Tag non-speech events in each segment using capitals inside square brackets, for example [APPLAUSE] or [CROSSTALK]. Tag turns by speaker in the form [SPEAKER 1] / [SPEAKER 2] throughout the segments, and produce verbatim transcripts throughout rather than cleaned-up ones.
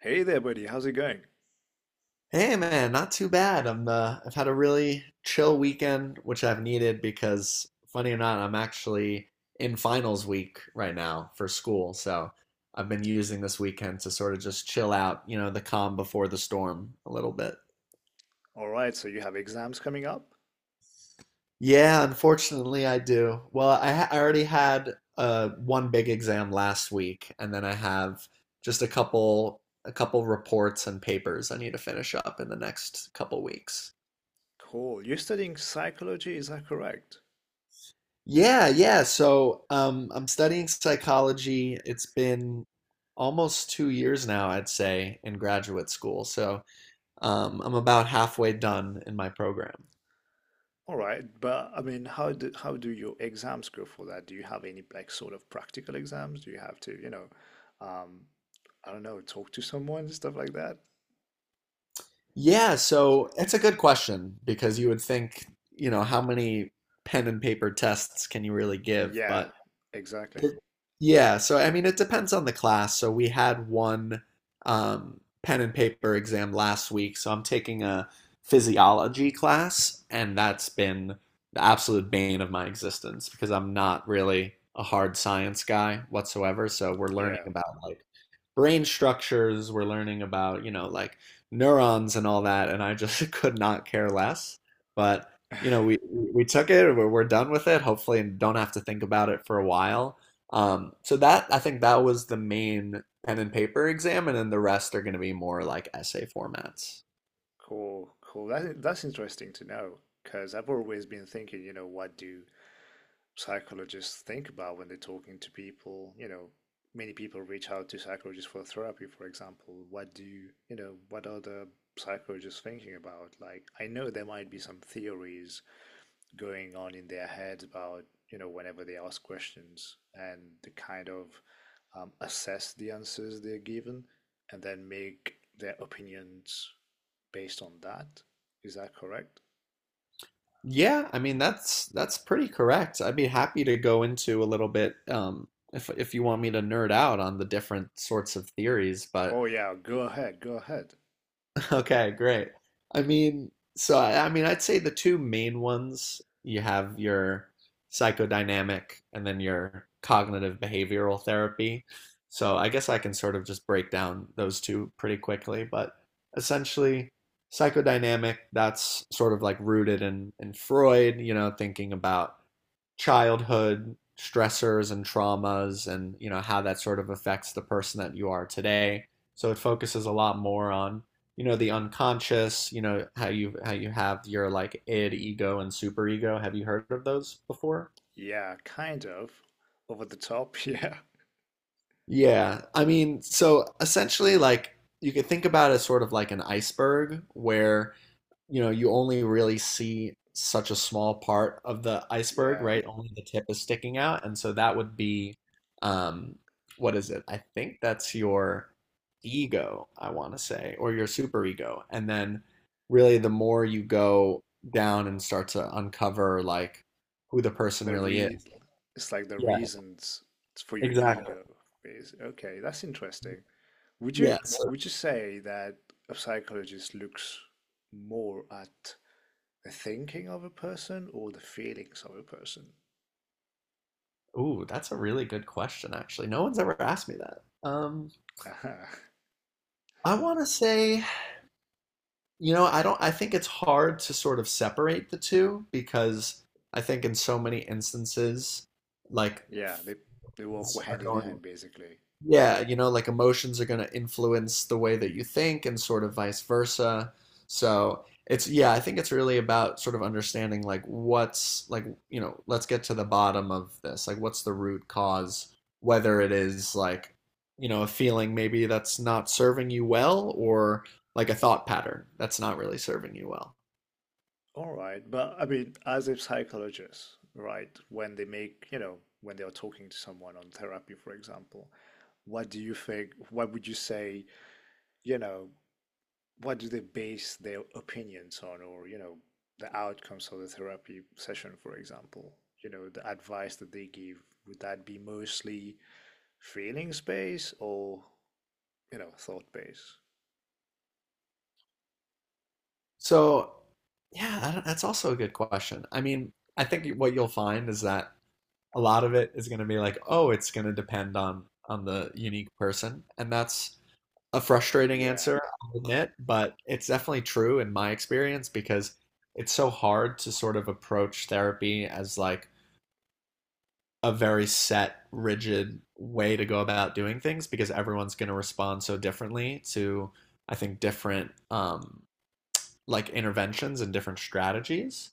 [SPEAKER 1] Hey there, buddy. How's it going?
[SPEAKER 2] Hey man, not too bad. I'm uh, I've had a really chill weekend, which I've needed because funny or not, I'm actually in finals week right now for school. So I've been using this weekend to sort of just chill out, you know, the calm before the storm a little bit.
[SPEAKER 1] All right, so you have exams coming up?
[SPEAKER 2] Yeah, unfortunately I do. Well, I, ha I already had uh, one big exam last week, and then I have just a couple a couple reports and papers I need to finish up in the next couple weeks.
[SPEAKER 1] Cool. You're studying psychology, is that correct?
[SPEAKER 2] Yeah, yeah. So, um, I'm studying psychology. It's been almost two years now, I'd say, in graduate school. So, um, I'm about halfway done in my program.
[SPEAKER 1] All right, but I mean, how do, how do your exams go for that? Do you have any like sort of practical exams? Do you have to, you know, um, I don't know, talk to someone and stuff like that?
[SPEAKER 2] Yeah, so it's a good question because you would think, you know, how many pen and paper tests can you really give?
[SPEAKER 1] Yeah,
[SPEAKER 2] But
[SPEAKER 1] exactly.
[SPEAKER 2] It yeah, so I mean, it depends on the class. So we had one um, pen and paper exam last week. So I'm taking a physiology class, and that's been the absolute bane of my existence because I'm not really a hard science guy whatsoever. So we're learning
[SPEAKER 1] Yeah,
[SPEAKER 2] about like brain structures, we're learning about, you know, like neurons and all that, and I just [LAUGHS] could not care less. But, you know, we we took it, we're, we're done with it, hopefully, and don't have to think about it for a while. Um, so that I think that was the main pen and paper exam, and then the rest are going to be more like essay formats.
[SPEAKER 1] cool, cool. That, that's interesting to know because I've always been thinking, you know, what do psychologists think about when they're talking to people. You know, many people reach out to psychologists for therapy, for example. What do you, you know, what are the psychologists thinking about? Like, I know there might be some theories going on in their heads about, you know, whenever they ask questions and the kind of um, assess the answers they're given and then make their opinions based on that. Is that correct?
[SPEAKER 2] Yeah, I mean that's that's pretty correct. I'd be happy to go into a little bit um, if if you want me to nerd out on the different sorts of theories, but
[SPEAKER 1] Oh, yeah, go ahead, go ahead.
[SPEAKER 2] [LAUGHS] okay, great. I mean, so I, I mean, I'd say the two main ones, you have your psychodynamic and then your cognitive behavioral therapy. So I guess I can sort of just break down those two pretty quickly, but essentially, psychodynamic, that's sort of like rooted in in Freud, you know, thinking about childhood stressors and traumas, and you know how that sort of affects the person that you are today. So it focuses a lot more on, you know, the unconscious. You know, how you, how you have your like id, ego, and superego. Have you heard of those before?
[SPEAKER 1] Yeah, kind of. Over the top, [LAUGHS] yeah.
[SPEAKER 2] Yeah, I mean, so essentially, like, you could think about it as sort of like an iceberg, where, you know, you only really see such a small part of the iceberg,
[SPEAKER 1] Yeah.
[SPEAKER 2] right? Only the tip is sticking out. And so that would be, um, what is it? I think that's your ego, I want to say, or your superego. And then really the more you go down and start to uncover like who the person
[SPEAKER 1] The
[SPEAKER 2] really
[SPEAKER 1] re
[SPEAKER 2] is.
[SPEAKER 1] It's like the
[SPEAKER 2] Yeah,
[SPEAKER 1] reasons for your
[SPEAKER 2] exactly.
[SPEAKER 1] ego is okay, that's interesting. Would you
[SPEAKER 2] Yeah. So,
[SPEAKER 1] would you say that a psychologist looks more at the thinking of a person or the feelings of a person?
[SPEAKER 2] ooh, that's a really good question, actually. No one's ever asked me that. Um,
[SPEAKER 1] [LAUGHS]
[SPEAKER 2] I want to say, You know, I don't, I think it's hard to sort of separate the two, because I think in so many instances, like,
[SPEAKER 1] Yeah, they they walk
[SPEAKER 2] s- are
[SPEAKER 1] hand in
[SPEAKER 2] going,
[SPEAKER 1] hand basically.
[SPEAKER 2] yeah, you know, like emotions are going to influence the way that you think, and sort of vice versa. So it's, yeah, I think it's really about sort of understanding, like, what's, like, you know, let's get to the bottom of this. Like, what's the root cause, whether it is like, you know, a feeling maybe that's not serving you well, or like a thought pattern that's not really serving you well.
[SPEAKER 1] All right, but I mean, as a psychologist, right, when they make, you know, when they are talking to someone on therapy, for example, what do you think, what would you say, you know, what do they base their opinions on, or, you know, the outcomes of the therapy session, for example, you know, the advice that they give, would that be mostly feelings based or, you know, thought based?
[SPEAKER 2] So, yeah, I don't— that's also a good question. I mean, I think what you'll find is that a lot of it is going to be like, oh, it's going to depend on on the unique person, and that's a frustrating
[SPEAKER 1] Yeah.
[SPEAKER 2] answer, I'll admit, but it's definitely true in my experience, because it's so hard to sort of approach therapy as like a very set, rigid way to go about doing things, because everyone's going to respond so differently to, I think, different um, like interventions and different strategies.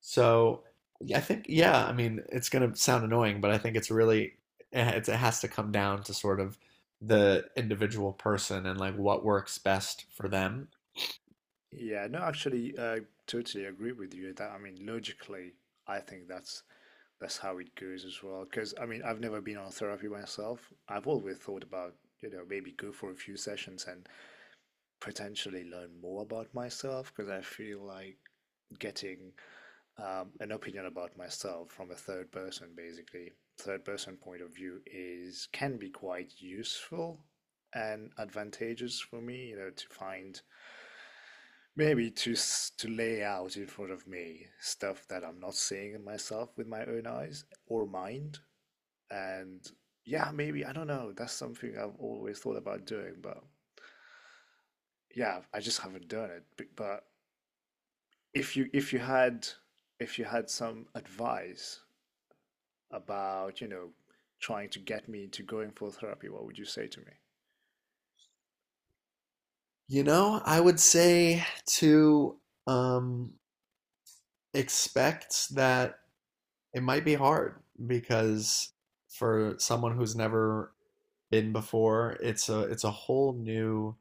[SPEAKER 2] So yeah, I think yeah, I mean, it's gonna sound annoying, but I think it's really eh, it's it has to come down to sort of the individual person and like what works best for them.
[SPEAKER 1] Yeah, no, actually, I totally agree with you that, I mean, logically, I think that's that's how it goes as well. Because I mean, I've never been on therapy myself. I've always thought about, you know, maybe go for a few sessions and potentially learn more about myself. Because I feel like getting um, an opinion about myself from a third person, basically, third person point of view, is can be quite useful and advantageous for me. You know, to find maybe to to lay out in front of me stuff that I'm not seeing in myself with my own eyes or mind and yeah, maybe, I don't know. That's something I've always thought about doing, but yeah, I just haven't done it. B- But if you if you had if you had some advice about, you know, trying to get me into going for therapy, what would you say to me?
[SPEAKER 2] You know, I would say to um, expect that it might be hard, because for someone who's never been before, it's a it's a whole new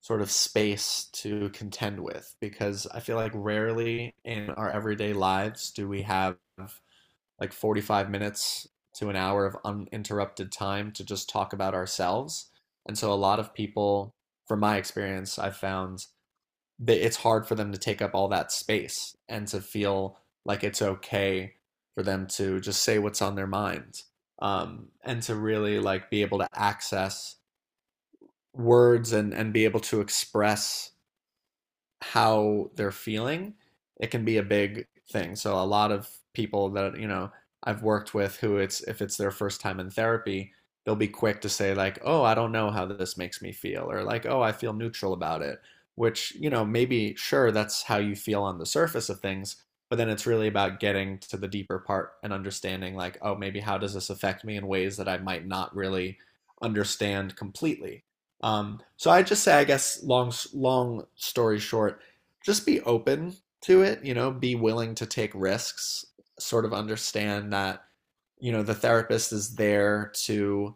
[SPEAKER 2] sort of space to contend with, because I feel like rarely in our everyday lives do we have like forty-five minutes to an hour of uninterrupted time to just talk about ourselves. And so a lot of people, from my experience, I've found that it's hard for them to take up all that space and to feel like it's okay for them to just say what's on their mind, um, and to really like be able to access words, and, and be able to express how they're feeling. It can be a big thing. So a lot of people that, you know, I've worked with, who it's if it's their first time in therapy, they'll be quick to say like, "Oh, I don't know how this makes me feel," or like, "Oh, I feel neutral about it." Which, you know, maybe sure that's how you feel on the surface of things, but then it's really about getting to the deeper part and understanding like, "Oh, maybe how does this affect me in ways that I might not really understand completely?" Um, so I just say, I guess, long, long story short, just be open to it, you know, be willing to take risks, sort of understand that, you know, the therapist is there to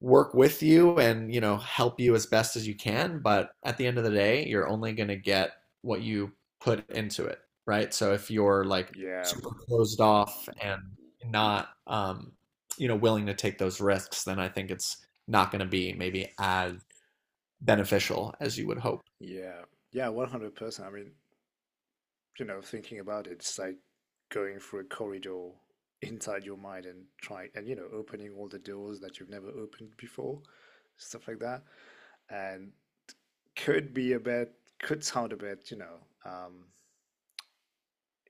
[SPEAKER 2] work with you and, you know, help you as best as you can. But at the end of the day, you're only going to get what you put into it, right? So if you're like
[SPEAKER 1] Yeah,
[SPEAKER 2] super closed off and not, um, you know, willing to take those risks, then I think it's not going to be maybe as beneficial as you would hope.
[SPEAKER 1] yeah, yeah, one hundred percent. I mean, you know, thinking about it, it's like going through a corridor inside your mind and trying and, you know, opening all the doors that you've never opened before, stuff like that. And could be a bit, could sound a bit, you know, um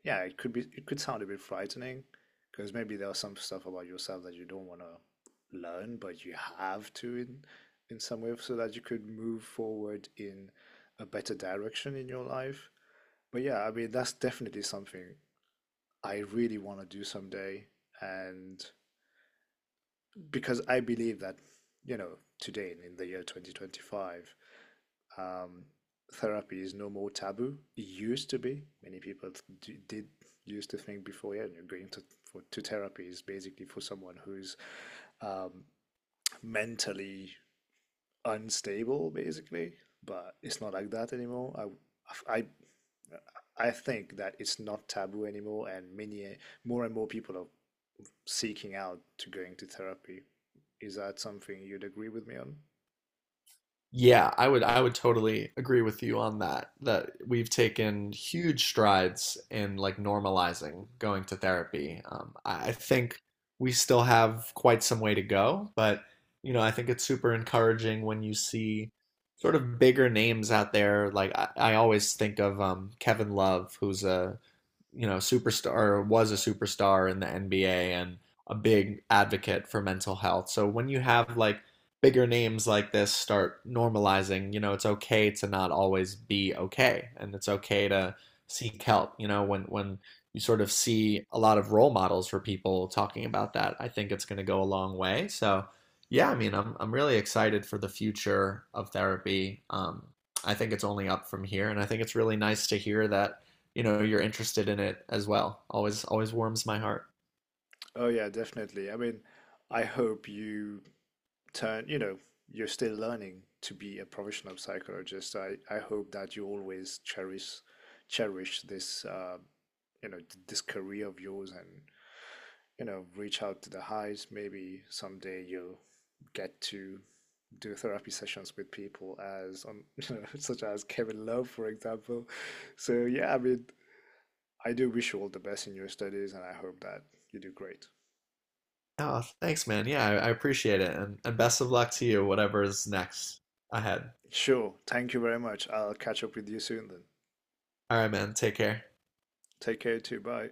[SPEAKER 1] yeah, it could be, it could sound a bit frightening because maybe there are some stuff about yourself that you don't want to learn, but you have to in in some way so that you could move forward in a better direction in your life. But yeah, I mean, that's definitely something I really want to do someday. And because I believe that, you know, today in the year twenty twenty-five, um, therapy is no more taboo. It used to be. Many people d- did used to think before, yeah, you're going to, for, to therapy is basically for someone who's um, mentally unstable, basically. But it's not like that anymore. I, I, I think that it's not taboo anymore, and many more and more people are seeking out to going to therapy. Is that something you'd agree with me on?
[SPEAKER 2] Yeah, I would I would totally agree with you on that. That we've taken huge strides in like normalizing going to therapy. Um, I I think we still have quite some way to go, but you know, I think it's super encouraging when you see sort of bigger names out there. Like I, I always think of um, Kevin Love, who's a, you know, superstar, or was a superstar in the N B A and a big advocate for mental health. So when you have like bigger names like this start normalizing, you know, it's okay to not always be okay, and it's okay to seek help, you know, when when you sort of see a lot of role models for people talking about that, I think it's going to go a long way. So yeah, I mean, I'm I'm really excited for the future of therapy. Um, I think it's only up from here, and I think it's really nice to hear that you know you're interested in it as well. Always, always warms my heart.
[SPEAKER 1] Oh yeah, definitely. I mean, I hope you turn, you know, you're still learning to be a professional psychologist. I, I hope that you always cherish cherish this uh, you know, this career of yours and you know reach out to the highs. Maybe someday you'll get to do therapy sessions with people as on you know, [LAUGHS] such as Kevin Love, for example. So yeah, I mean, I do wish you all the best in your studies, and I hope that you do great.
[SPEAKER 2] Oh, thanks, man. Yeah, I, I appreciate it, and and best of luck to you, whatever is next ahead.
[SPEAKER 1] Sure, thank you very much. I'll catch up with you soon then.
[SPEAKER 2] All right, man. Take care.
[SPEAKER 1] Take care too. Bye.